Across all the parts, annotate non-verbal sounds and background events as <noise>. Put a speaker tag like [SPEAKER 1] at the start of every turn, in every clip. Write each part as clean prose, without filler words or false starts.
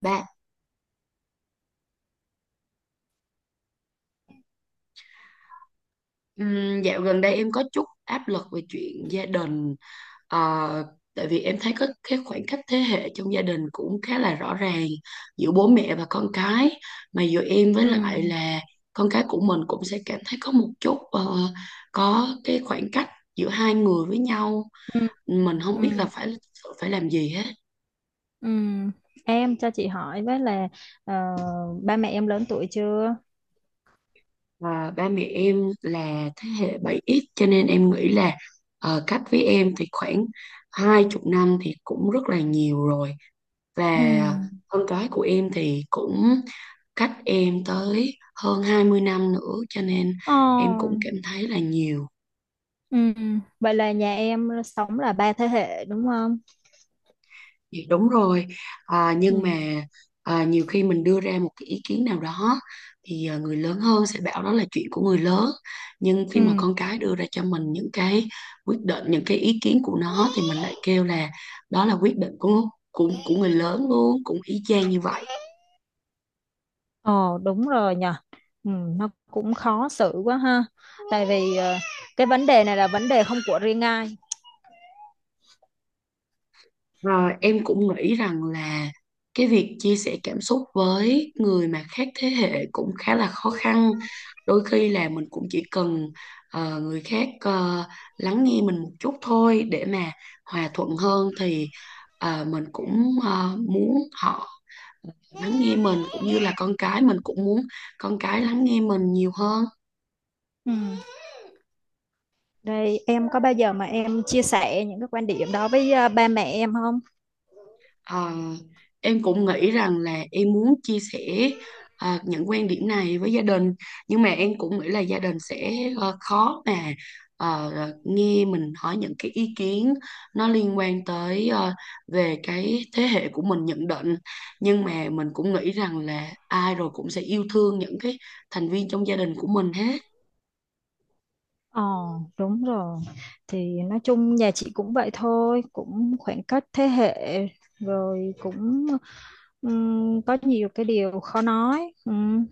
[SPEAKER 1] Bạn, dạo gần đây em có chút áp lực về chuyện gia đình. Ờ, Tại vì em thấy có cái khoảng cách thế hệ trong gia đình cũng khá là rõ ràng giữa bố mẹ và con cái, mà giữa em với
[SPEAKER 2] Ừ.
[SPEAKER 1] lại là con cái của mình cũng sẽ cảm thấy có một chút, có cái khoảng cách giữa hai người với nhau.
[SPEAKER 2] Ừ.
[SPEAKER 1] Mình không
[SPEAKER 2] Ừ.
[SPEAKER 1] biết là phải phải làm gì hết.
[SPEAKER 2] Ừ. Em cho chị hỏi với là ờ, ba mẹ em lớn tuổi chưa?
[SPEAKER 1] Và ba mẹ em là thế hệ 7X cho nên em nghĩ là, cách với em thì khoảng 20 năm thì cũng rất là nhiều rồi,
[SPEAKER 2] Ừ.
[SPEAKER 1] và con cái của em thì cũng cách em tới hơn 20 năm nữa, cho nên em cũng
[SPEAKER 2] Ồ.
[SPEAKER 1] cảm thấy là nhiều.
[SPEAKER 2] Ừ. Vậy là nhà em sống là ba thế hệ đúng không?
[SPEAKER 1] Dạ, đúng rồi. À, nhưng
[SPEAKER 2] Ừ.
[SPEAKER 1] mà à, nhiều khi mình đưa ra một cái ý kiến nào đó thì à, người lớn hơn sẽ bảo đó là chuyện của người lớn, nhưng khi
[SPEAKER 2] Ừ.
[SPEAKER 1] mà con cái đưa ra cho mình những cái quyết định, những cái ý kiến của nó thì mình lại kêu là đó là quyết định của của người lớn luôn, cũng y chang như vậy.
[SPEAKER 2] Ồ, đúng rồi nhờ. Ừ, nó cũng khó xử quá ha. Tại vì cái vấn đề này là vấn đề không của riêng ai.
[SPEAKER 1] Rồi em cũng nghĩ rằng là cái việc chia sẻ cảm xúc với người mà khác thế hệ cũng khá là khó khăn. Đôi khi là mình cũng chỉ cần, người khác lắng nghe mình một chút thôi để mà hòa thuận hơn thì, mình cũng muốn họ lắng nghe mình, cũng như là con cái mình cũng muốn con cái lắng nghe mình nhiều hơn.
[SPEAKER 2] Ừ. Đây em có bao giờ mà em chia sẻ những cái quan điểm đó với ba mẹ em không?
[SPEAKER 1] Ờ, em cũng nghĩ rằng là em muốn chia sẻ những quan điểm này với gia đình, nhưng mà em cũng nghĩ là gia đình sẽ khó mà ờ, nghe mình hỏi những cái ý kiến nó liên quan tới về cái thế hệ của mình nhận định. Nhưng mà mình cũng nghĩ rằng là ai rồi cũng sẽ yêu thương những cái thành viên trong gia đình của mình hết.
[SPEAKER 2] Ờ. Đúng rồi. Thì nói chung nhà chị cũng vậy thôi, cũng khoảng cách thế hệ, rồi cũng có nhiều cái điều khó nói.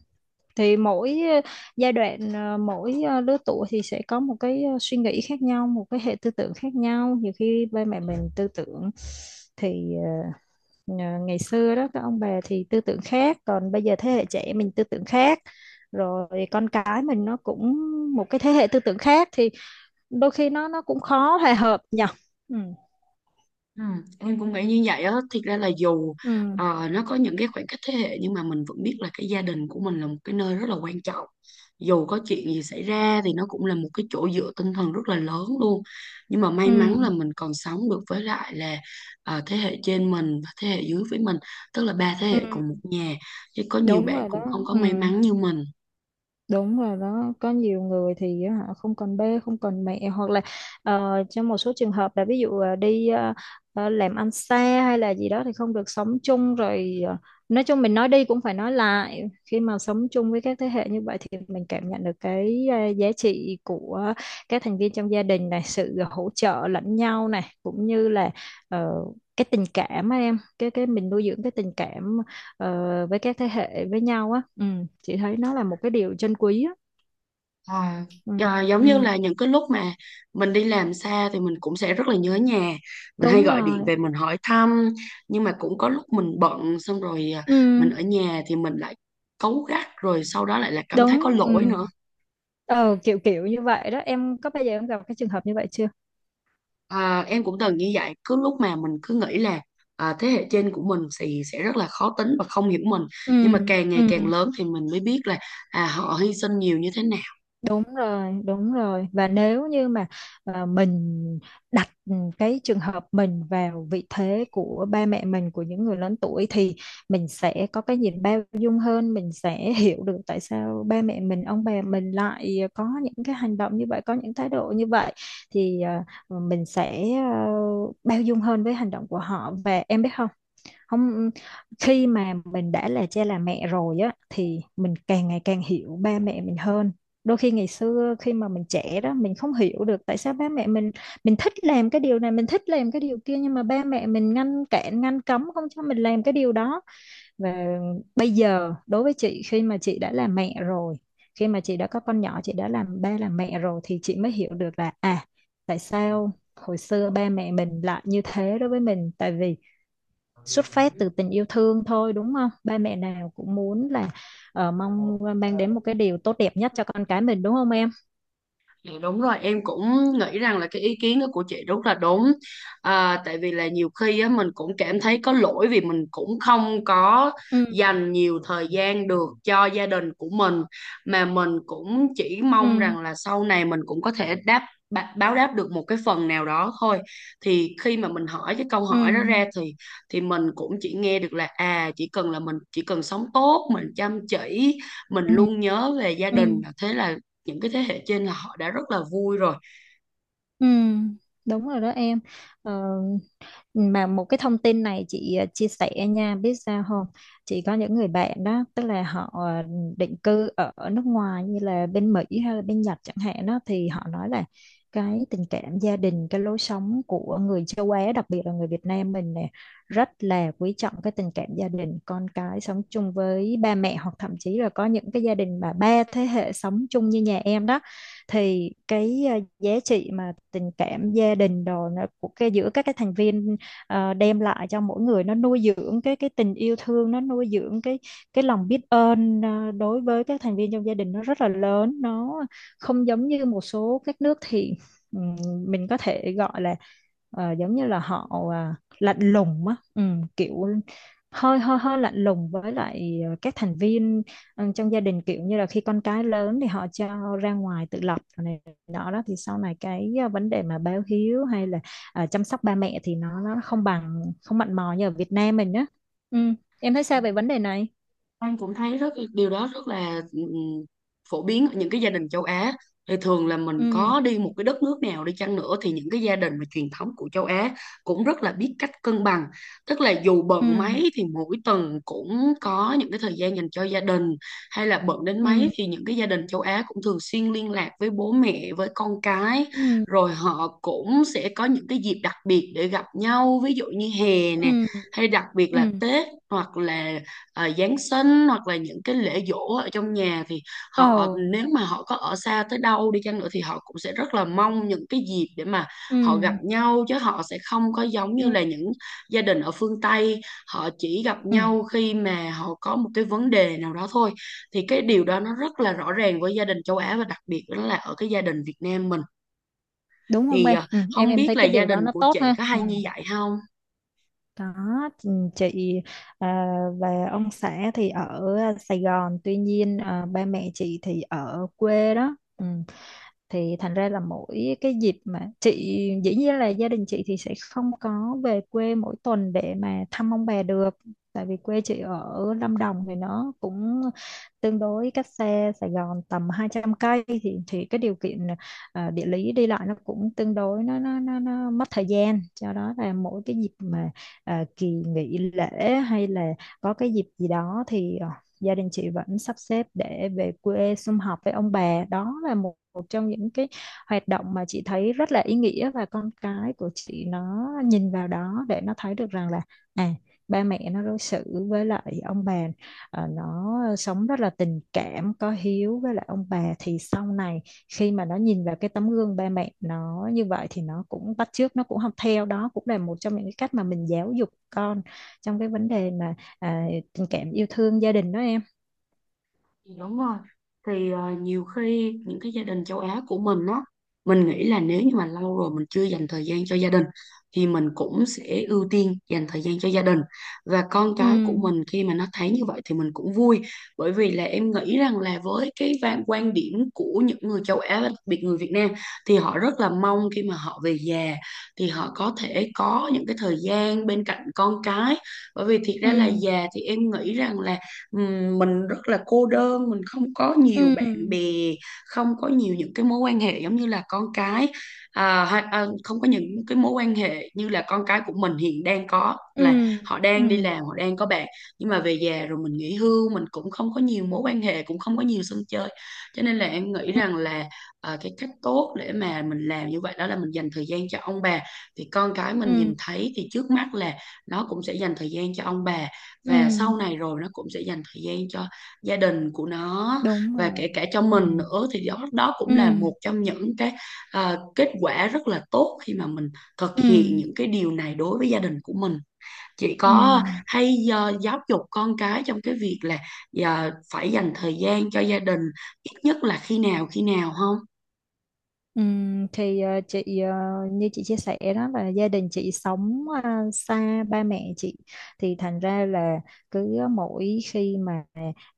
[SPEAKER 2] Thì mỗi giai đoạn, mỗi lứa tuổi thì sẽ có một cái suy nghĩ khác nhau, một cái hệ tư tưởng khác nhau. Nhiều khi ba mẹ mình tư tưởng thì ngày xưa đó các ông bà thì tư tưởng khác, còn bây giờ thế hệ trẻ mình tư tưởng khác, rồi con cái mình nó cũng một cái thế hệ tư tưởng khác, thì đôi khi nó cũng khó hòa hợp nhỉ. Ừ.
[SPEAKER 1] Ừ, em cũng nghĩ như vậy á. Thiệt ra là dù
[SPEAKER 2] Ừ.
[SPEAKER 1] nó có những cái khoảng cách thế hệ, nhưng mà mình vẫn biết là cái gia đình của mình là một cái nơi rất là quan trọng. Dù có chuyện gì xảy ra thì nó cũng là một cái chỗ dựa tinh thần rất là lớn luôn. Nhưng mà may
[SPEAKER 2] Ừ.
[SPEAKER 1] mắn là mình còn sống được với lại là thế hệ trên mình và thế hệ dưới với mình, tức là ba thế
[SPEAKER 2] Ừ.
[SPEAKER 1] hệ cùng một nhà, chứ có nhiều
[SPEAKER 2] Đúng
[SPEAKER 1] bạn
[SPEAKER 2] rồi đó.
[SPEAKER 1] cũng không có
[SPEAKER 2] Ừ.
[SPEAKER 1] may mắn như mình.
[SPEAKER 2] Đúng rồi đó, có nhiều người thì á, họ không còn ba, không còn mẹ, hoặc là trong một số trường hợp là ví dụ đi làm ăn xa, hay là gì đó thì không được sống chung, rồi nói chung mình nói đi cũng phải nói lại. Khi mà sống chung với các thế hệ như vậy thì mình cảm nhận được cái giá trị của các thành viên trong gia đình này, sự hỗ trợ lẫn nhau này, cũng như là ờ, cái tình cảm á em, cái mình nuôi dưỡng cái tình cảm với các thế hệ với nhau á. Ừ, chị thấy nó là một cái điều trân quý á.
[SPEAKER 1] À,
[SPEAKER 2] Ừ.
[SPEAKER 1] à, giống như
[SPEAKER 2] Ừ.
[SPEAKER 1] là những cái lúc mà mình đi làm xa thì mình cũng sẽ rất là nhớ nhà, mình hay
[SPEAKER 2] Đúng
[SPEAKER 1] gọi điện
[SPEAKER 2] rồi.
[SPEAKER 1] về mình hỏi thăm, nhưng mà cũng có lúc mình bận, xong rồi à,
[SPEAKER 2] Ừ.
[SPEAKER 1] mình ở nhà thì mình lại cáu gắt, rồi sau đó lại là cảm thấy có
[SPEAKER 2] Đúng.
[SPEAKER 1] lỗi
[SPEAKER 2] Ừ.
[SPEAKER 1] nữa.
[SPEAKER 2] ờ, kiểu kiểu như vậy đó, em có bao giờ em gặp cái trường hợp như vậy chưa?
[SPEAKER 1] À, em cũng từng như vậy. Cứ lúc mà mình cứ nghĩ là à, thế hệ trên của mình thì sẽ rất là khó tính và không hiểu mình, nhưng mà
[SPEAKER 2] Ừ.
[SPEAKER 1] càng
[SPEAKER 2] Ừ.
[SPEAKER 1] ngày càng lớn thì mình mới biết là à, họ hy sinh nhiều như thế nào.
[SPEAKER 2] Đúng rồi, đúng rồi. Và nếu như mà mình đặt cái trường hợp mình vào vị thế của ba mẹ mình, của những người lớn tuổi, thì mình sẽ có cái nhìn bao dung hơn, mình sẽ <laughs> hiểu được tại sao ba mẹ mình, ông bà mình lại có những cái hành động như vậy, có những thái độ như vậy, thì mình sẽ bao dung hơn với hành động của họ. Và em biết không? Không. Khi mà mình đã là cha là mẹ rồi á thì mình càng ngày càng hiểu ba mẹ mình hơn. Đôi khi ngày xưa khi mà mình trẻ đó mình không hiểu được tại sao ba mẹ mình thích làm cái điều này, mình thích làm cái điều kia, nhưng mà ba mẹ mình ngăn cản ngăn cấm không cho mình làm cái điều đó. Và bây giờ đối với chị, khi mà chị đã là mẹ rồi, khi mà chị đã có con nhỏ, chị đã làm ba làm mẹ rồi, thì chị mới hiểu được là tại sao hồi xưa ba mẹ mình lại như thế đối với mình, tại vì xuất phát từ tình yêu thương thôi, đúng không? Ba mẹ nào cũng muốn là mong mang đến một cái điều tốt đẹp nhất cho con cái mình, đúng không em?
[SPEAKER 1] Dạ, đúng rồi, em cũng nghĩ rằng là cái ý kiến đó của chị rất là đúng. À, tại vì là nhiều khi á, mình cũng cảm thấy có lỗi vì mình cũng không có
[SPEAKER 2] Ừ.
[SPEAKER 1] dành nhiều thời gian được cho gia đình của mình, mà mình cũng chỉ mong
[SPEAKER 2] Ừ.
[SPEAKER 1] rằng là sau này mình cũng có thể báo đáp được một cái phần nào đó thôi. Thì khi mà mình hỏi cái câu
[SPEAKER 2] Ừ.
[SPEAKER 1] hỏi đó ra thì mình cũng chỉ nghe được là à, chỉ cần là mình chỉ cần sống tốt, mình chăm chỉ, mình
[SPEAKER 2] Ừ.
[SPEAKER 1] luôn nhớ về gia
[SPEAKER 2] Ừ.
[SPEAKER 1] đình, thế là những cái thế hệ trên là họ đã rất là vui rồi.
[SPEAKER 2] Ừ. Đúng rồi đó em. Ờ, mà một cái thông tin này chị chia sẻ nha, biết sao không? Chị có những người bạn đó, tức là họ định cư ở nước ngoài như là bên Mỹ hay là bên Nhật chẳng hạn đó, thì họ nói là cái tình cảm gia đình, cái lối sống của người châu Á, đặc biệt là người Việt Nam mình nè, rất là quý trọng cái tình cảm gia đình, con cái sống chung với ba mẹ, hoặc thậm chí là có những cái gia đình mà ba thế hệ sống chung như nhà em đó. Thì cái giá trị mà tình cảm gia đình đồ nó của cái giữa các cái thành viên đem lại cho mỗi người, nó nuôi dưỡng cái tình yêu thương, nó nuôi dưỡng cái lòng biết ơn đối với các thành viên trong gia đình, nó rất là lớn, nó không giống như một số các nước, thì ừm, mình có thể gọi là giống như là họ lạnh lùng á. Kiểu hơi hơi hơi lạnh lùng với lại các thành viên, trong gia đình, kiểu như là khi con cái lớn thì họ cho ra ngoài tự lập rồi này nọ đó, thì sau này cái vấn đề mà báo hiếu hay là chăm sóc ba mẹ thì nó không bằng, không mặn mò như ở Việt Nam mình á. Ừ. Em thấy sao về vấn đề này?
[SPEAKER 1] Anh cũng thấy rất điều đó rất là phổ biến ở những cái gia đình châu Á. Thì thường là mình
[SPEAKER 2] Ừ.
[SPEAKER 1] có đi một cái đất nước nào đi chăng nữa thì những cái gia đình mà truyền thống của châu Á cũng rất là biết cách cân bằng. Tức là dù
[SPEAKER 2] Ừ.
[SPEAKER 1] bận mấy thì mỗi tuần cũng có những cái thời gian dành cho gia đình, hay là bận đến mấy
[SPEAKER 2] Ừ.
[SPEAKER 1] thì những cái gia đình châu Á cũng thường xuyên liên lạc với bố mẹ, với con cái.
[SPEAKER 2] Ừ.
[SPEAKER 1] Rồi họ cũng sẽ có những cái dịp đặc biệt để gặp nhau, ví dụ như hè nè,
[SPEAKER 2] Ừ.
[SPEAKER 1] hay đặc biệt
[SPEAKER 2] Ừ.
[SPEAKER 1] là Tết, hoặc là Giáng sinh, hoặc là những cái lễ giỗ ở trong nhà, thì
[SPEAKER 2] Ồ.
[SPEAKER 1] họ nếu mà họ có ở xa tới đâu đi chăng nữa thì họ cũng sẽ rất là mong những cái dịp để mà
[SPEAKER 2] Ừ.
[SPEAKER 1] họ gặp nhau, chứ họ sẽ không có giống
[SPEAKER 2] Ừ.
[SPEAKER 1] như là những gia đình ở phương Tây, họ chỉ gặp
[SPEAKER 2] Ừ.
[SPEAKER 1] nhau khi mà họ có một cái vấn đề nào đó thôi. Thì cái điều đó nó rất là rõ ràng với gia đình châu Á, và đặc biệt đó là ở cái gia đình Việt Nam mình.
[SPEAKER 2] Đúng không
[SPEAKER 1] Thì
[SPEAKER 2] em? Ừ. em
[SPEAKER 1] không
[SPEAKER 2] em
[SPEAKER 1] biết
[SPEAKER 2] thấy
[SPEAKER 1] là
[SPEAKER 2] cái
[SPEAKER 1] gia
[SPEAKER 2] điều
[SPEAKER 1] đình
[SPEAKER 2] đó nó
[SPEAKER 1] của
[SPEAKER 2] tốt
[SPEAKER 1] chị
[SPEAKER 2] ha.
[SPEAKER 1] có
[SPEAKER 2] Ừ.
[SPEAKER 1] hay như vậy không?
[SPEAKER 2] Đó, chị chị, à, và ông xã thì ở Sài Gòn, tuy nhiên ba mẹ chị thì ở quê đó. Ừ. Thì thành ra là mỗi cái dịp mà chị, dĩ nhiên là gia đình chị thì sẽ không có về quê mỗi tuần để mà thăm ông bà được, tại vì quê chị ở Lâm Đồng thì nó cũng tương đối cách xe Sài Gòn tầm 200 cây, thì cái điều kiện địa lý đi lại nó cũng tương đối, nó mất thời gian cho đó là mỗi cái dịp mà kỳ nghỉ lễ hay là có cái dịp gì đó thì gia đình chị vẫn sắp xếp để về quê sum họp với ông bà. Đó là một một trong những cái hoạt động mà chị thấy rất là ý nghĩa, và con cái của chị nó nhìn vào đó để nó thấy được rằng là à ba mẹ nó đối xử với lại ông bà. Ờ, nó sống rất là tình cảm, có hiếu với lại ông bà, thì sau này khi mà nó nhìn vào cái tấm gương ba mẹ nó như vậy thì nó cũng bắt chước, nó cũng học theo, đó cũng là một trong những cái cách mà mình giáo dục con trong cái vấn đề mà à, tình cảm yêu thương gia đình, đó em.
[SPEAKER 1] Dạ, đúng rồi. Thì nhiều khi những cái gia đình châu Á của mình á, mình nghĩ là nếu như mà lâu rồi mình chưa dành thời gian cho gia đình thì mình cũng sẽ ưu tiên dành thời gian cho gia đình. Và con
[SPEAKER 2] Ừ.
[SPEAKER 1] cái của mình khi mà nó thấy như vậy thì mình cũng vui, bởi vì là em nghĩ rằng là với cái quan điểm của những người châu Á và đặc biệt người Việt Nam thì họ rất là mong khi mà họ về già thì họ có thể có những cái thời gian bên cạnh con cái. Bởi vì thiệt
[SPEAKER 2] Ừ.
[SPEAKER 1] ra là già thì em nghĩ rằng là mình rất là cô đơn, mình không có
[SPEAKER 2] Ừ.
[SPEAKER 1] nhiều bạn bè, không có nhiều những cái mối quan hệ giống như là con cái, à, hay, à, không có những cái mối quan hệ như là con cái của mình hiện đang có, là
[SPEAKER 2] Ừ.
[SPEAKER 1] họ
[SPEAKER 2] Ừ.
[SPEAKER 1] đang đi làm, họ đang có bạn, nhưng mà về già rồi mình nghỉ hưu mình cũng không có nhiều mối quan hệ, cũng không có nhiều sân chơi. Cho nên là em nghĩ
[SPEAKER 2] Ừ.
[SPEAKER 1] rằng là à, cái cách tốt để mà mình làm như vậy đó là mình dành thời gian cho ông bà, thì con cái mình
[SPEAKER 2] Ừ.
[SPEAKER 1] nhìn thấy thì trước mắt là nó cũng sẽ dành thời gian cho ông bà, và
[SPEAKER 2] Ừ.
[SPEAKER 1] sau này rồi nó cũng sẽ dành thời gian cho gia đình của nó,
[SPEAKER 2] Đúng
[SPEAKER 1] và
[SPEAKER 2] rồi.
[SPEAKER 1] kể cả cho
[SPEAKER 2] Ừ.
[SPEAKER 1] mình nữa, thì đó đó cũng là
[SPEAKER 2] Ừ.
[SPEAKER 1] một trong những cái à, kết quả rất là tốt khi mà mình thực
[SPEAKER 2] Ừ.
[SPEAKER 1] hiện những cái điều này đối với gia đình của mình. Chị
[SPEAKER 2] Ừ.
[SPEAKER 1] có hay à, giáo dục con cái trong cái việc là à, phải dành thời gian cho gia đình ít nhất là khi nào không?
[SPEAKER 2] Thì như chị chia sẻ đó là gia đình chị sống xa ba mẹ chị, thì thành ra là cứ mỗi khi mà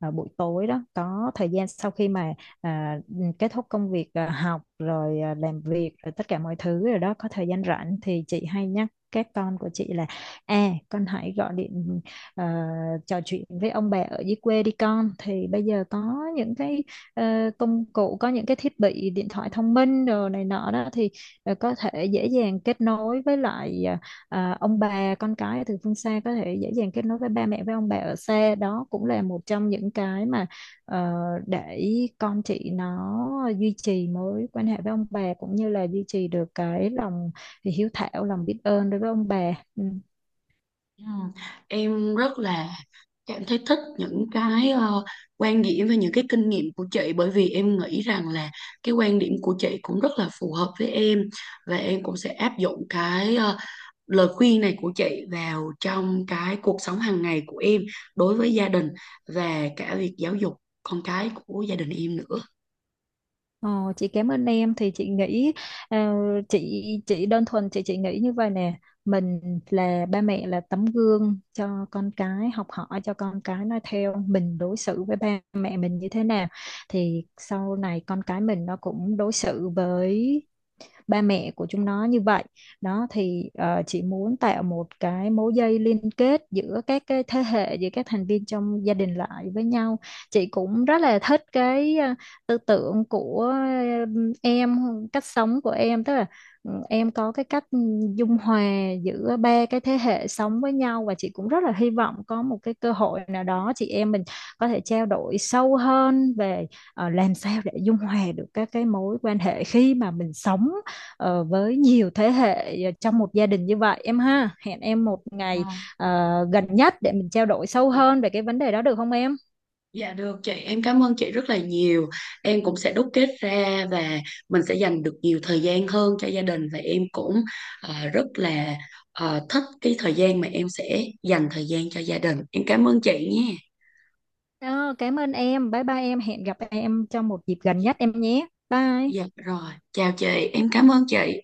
[SPEAKER 2] buổi tối đó có thời gian, sau khi mà à, kết thúc công việc, học rồi, làm việc rồi, tất cả mọi thứ rồi đó, có thời gian rảnh thì chị hay nhắc các con của chị là con hãy gọi điện, ờ, trò chuyện với ông bà ở dưới quê đi con. Thì bây giờ có những cái công cụ, có những cái thiết bị điện thoại thông minh rồi này nọ đó, thì có thể dễ dàng kết nối với lại ông bà con cái từ phương xa, có thể dễ dàng kết nối với ba mẹ, với ông bà ở xa. Đó cũng là một trong những cái mà ờ, để con chị nó duy trì mối quan hệ với ông bà, cũng như là duy trì được cái lòng hiếu thảo, lòng biết ơn đối với ông bà. Ừ.
[SPEAKER 1] Ừ. Em rất là Em thấy thích những cái quan điểm và những cái kinh nghiệm của chị, bởi vì em nghĩ rằng là cái quan điểm của chị cũng rất là phù hợp với em, và em cũng sẽ áp dụng cái lời khuyên này của chị vào trong cái cuộc sống hàng ngày của em đối với gia đình và cả việc giáo dục con cái của gia đình em nữa.
[SPEAKER 2] Ờ, chị cảm ơn em. Thì chị nghĩ, ờ, chị đơn thuần chị nghĩ như vậy nè. Mình là ba mẹ, là tấm gương cho con cái học hỏi, cho con cái noi theo. Mình đối xử với ba mẹ mình như thế nào thì sau này con cái mình nó cũng đối xử với ba mẹ của chúng nó như vậy. Đó thì chị muốn tạo một cái mối dây liên kết giữa các cái thế hệ, giữa các thành viên trong gia đình lại với nhau. Chị cũng rất là thích cái tư tưởng của, em cách sống của em, tức là em có cái cách dung hòa giữa ba cái thế hệ sống với nhau. Và chị cũng rất là hy vọng có một cái cơ hội nào đó chị em mình có thể trao đổi sâu hơn về làm sao để dung hòa được các cái mối quan hệ khi mà mình sống với nhiều thế hệ trong một gia đình như vậy, em ha. Hẹn em một ngày ờ, gần nhất để mình trao đổi sâu hơn về cái vấn đề đó, được không em?
[SPEAKER 1] Dạ được chị, em cảm ơn chị rất là nhiều. Em cũng sẽ đúc kết ra và mình sẽ dành được nhiều thời gian hơn cho gia đình, và em cũng rất là thích cái thời gian mà em sẽ dành thời gian cho gia đình. Em cảm ơn chị nha.
[SPEAKER 2] Ờ, cảm ơn em. Bye bye em. Hẹn gặp em trong một dịp gần
[SPEAKER 1] Dạ,
[SPEAKER 2] nhất em nhé. Bye.
[SPEAKER 1] dạ, rồi, chào chị, em cảm ơn chị.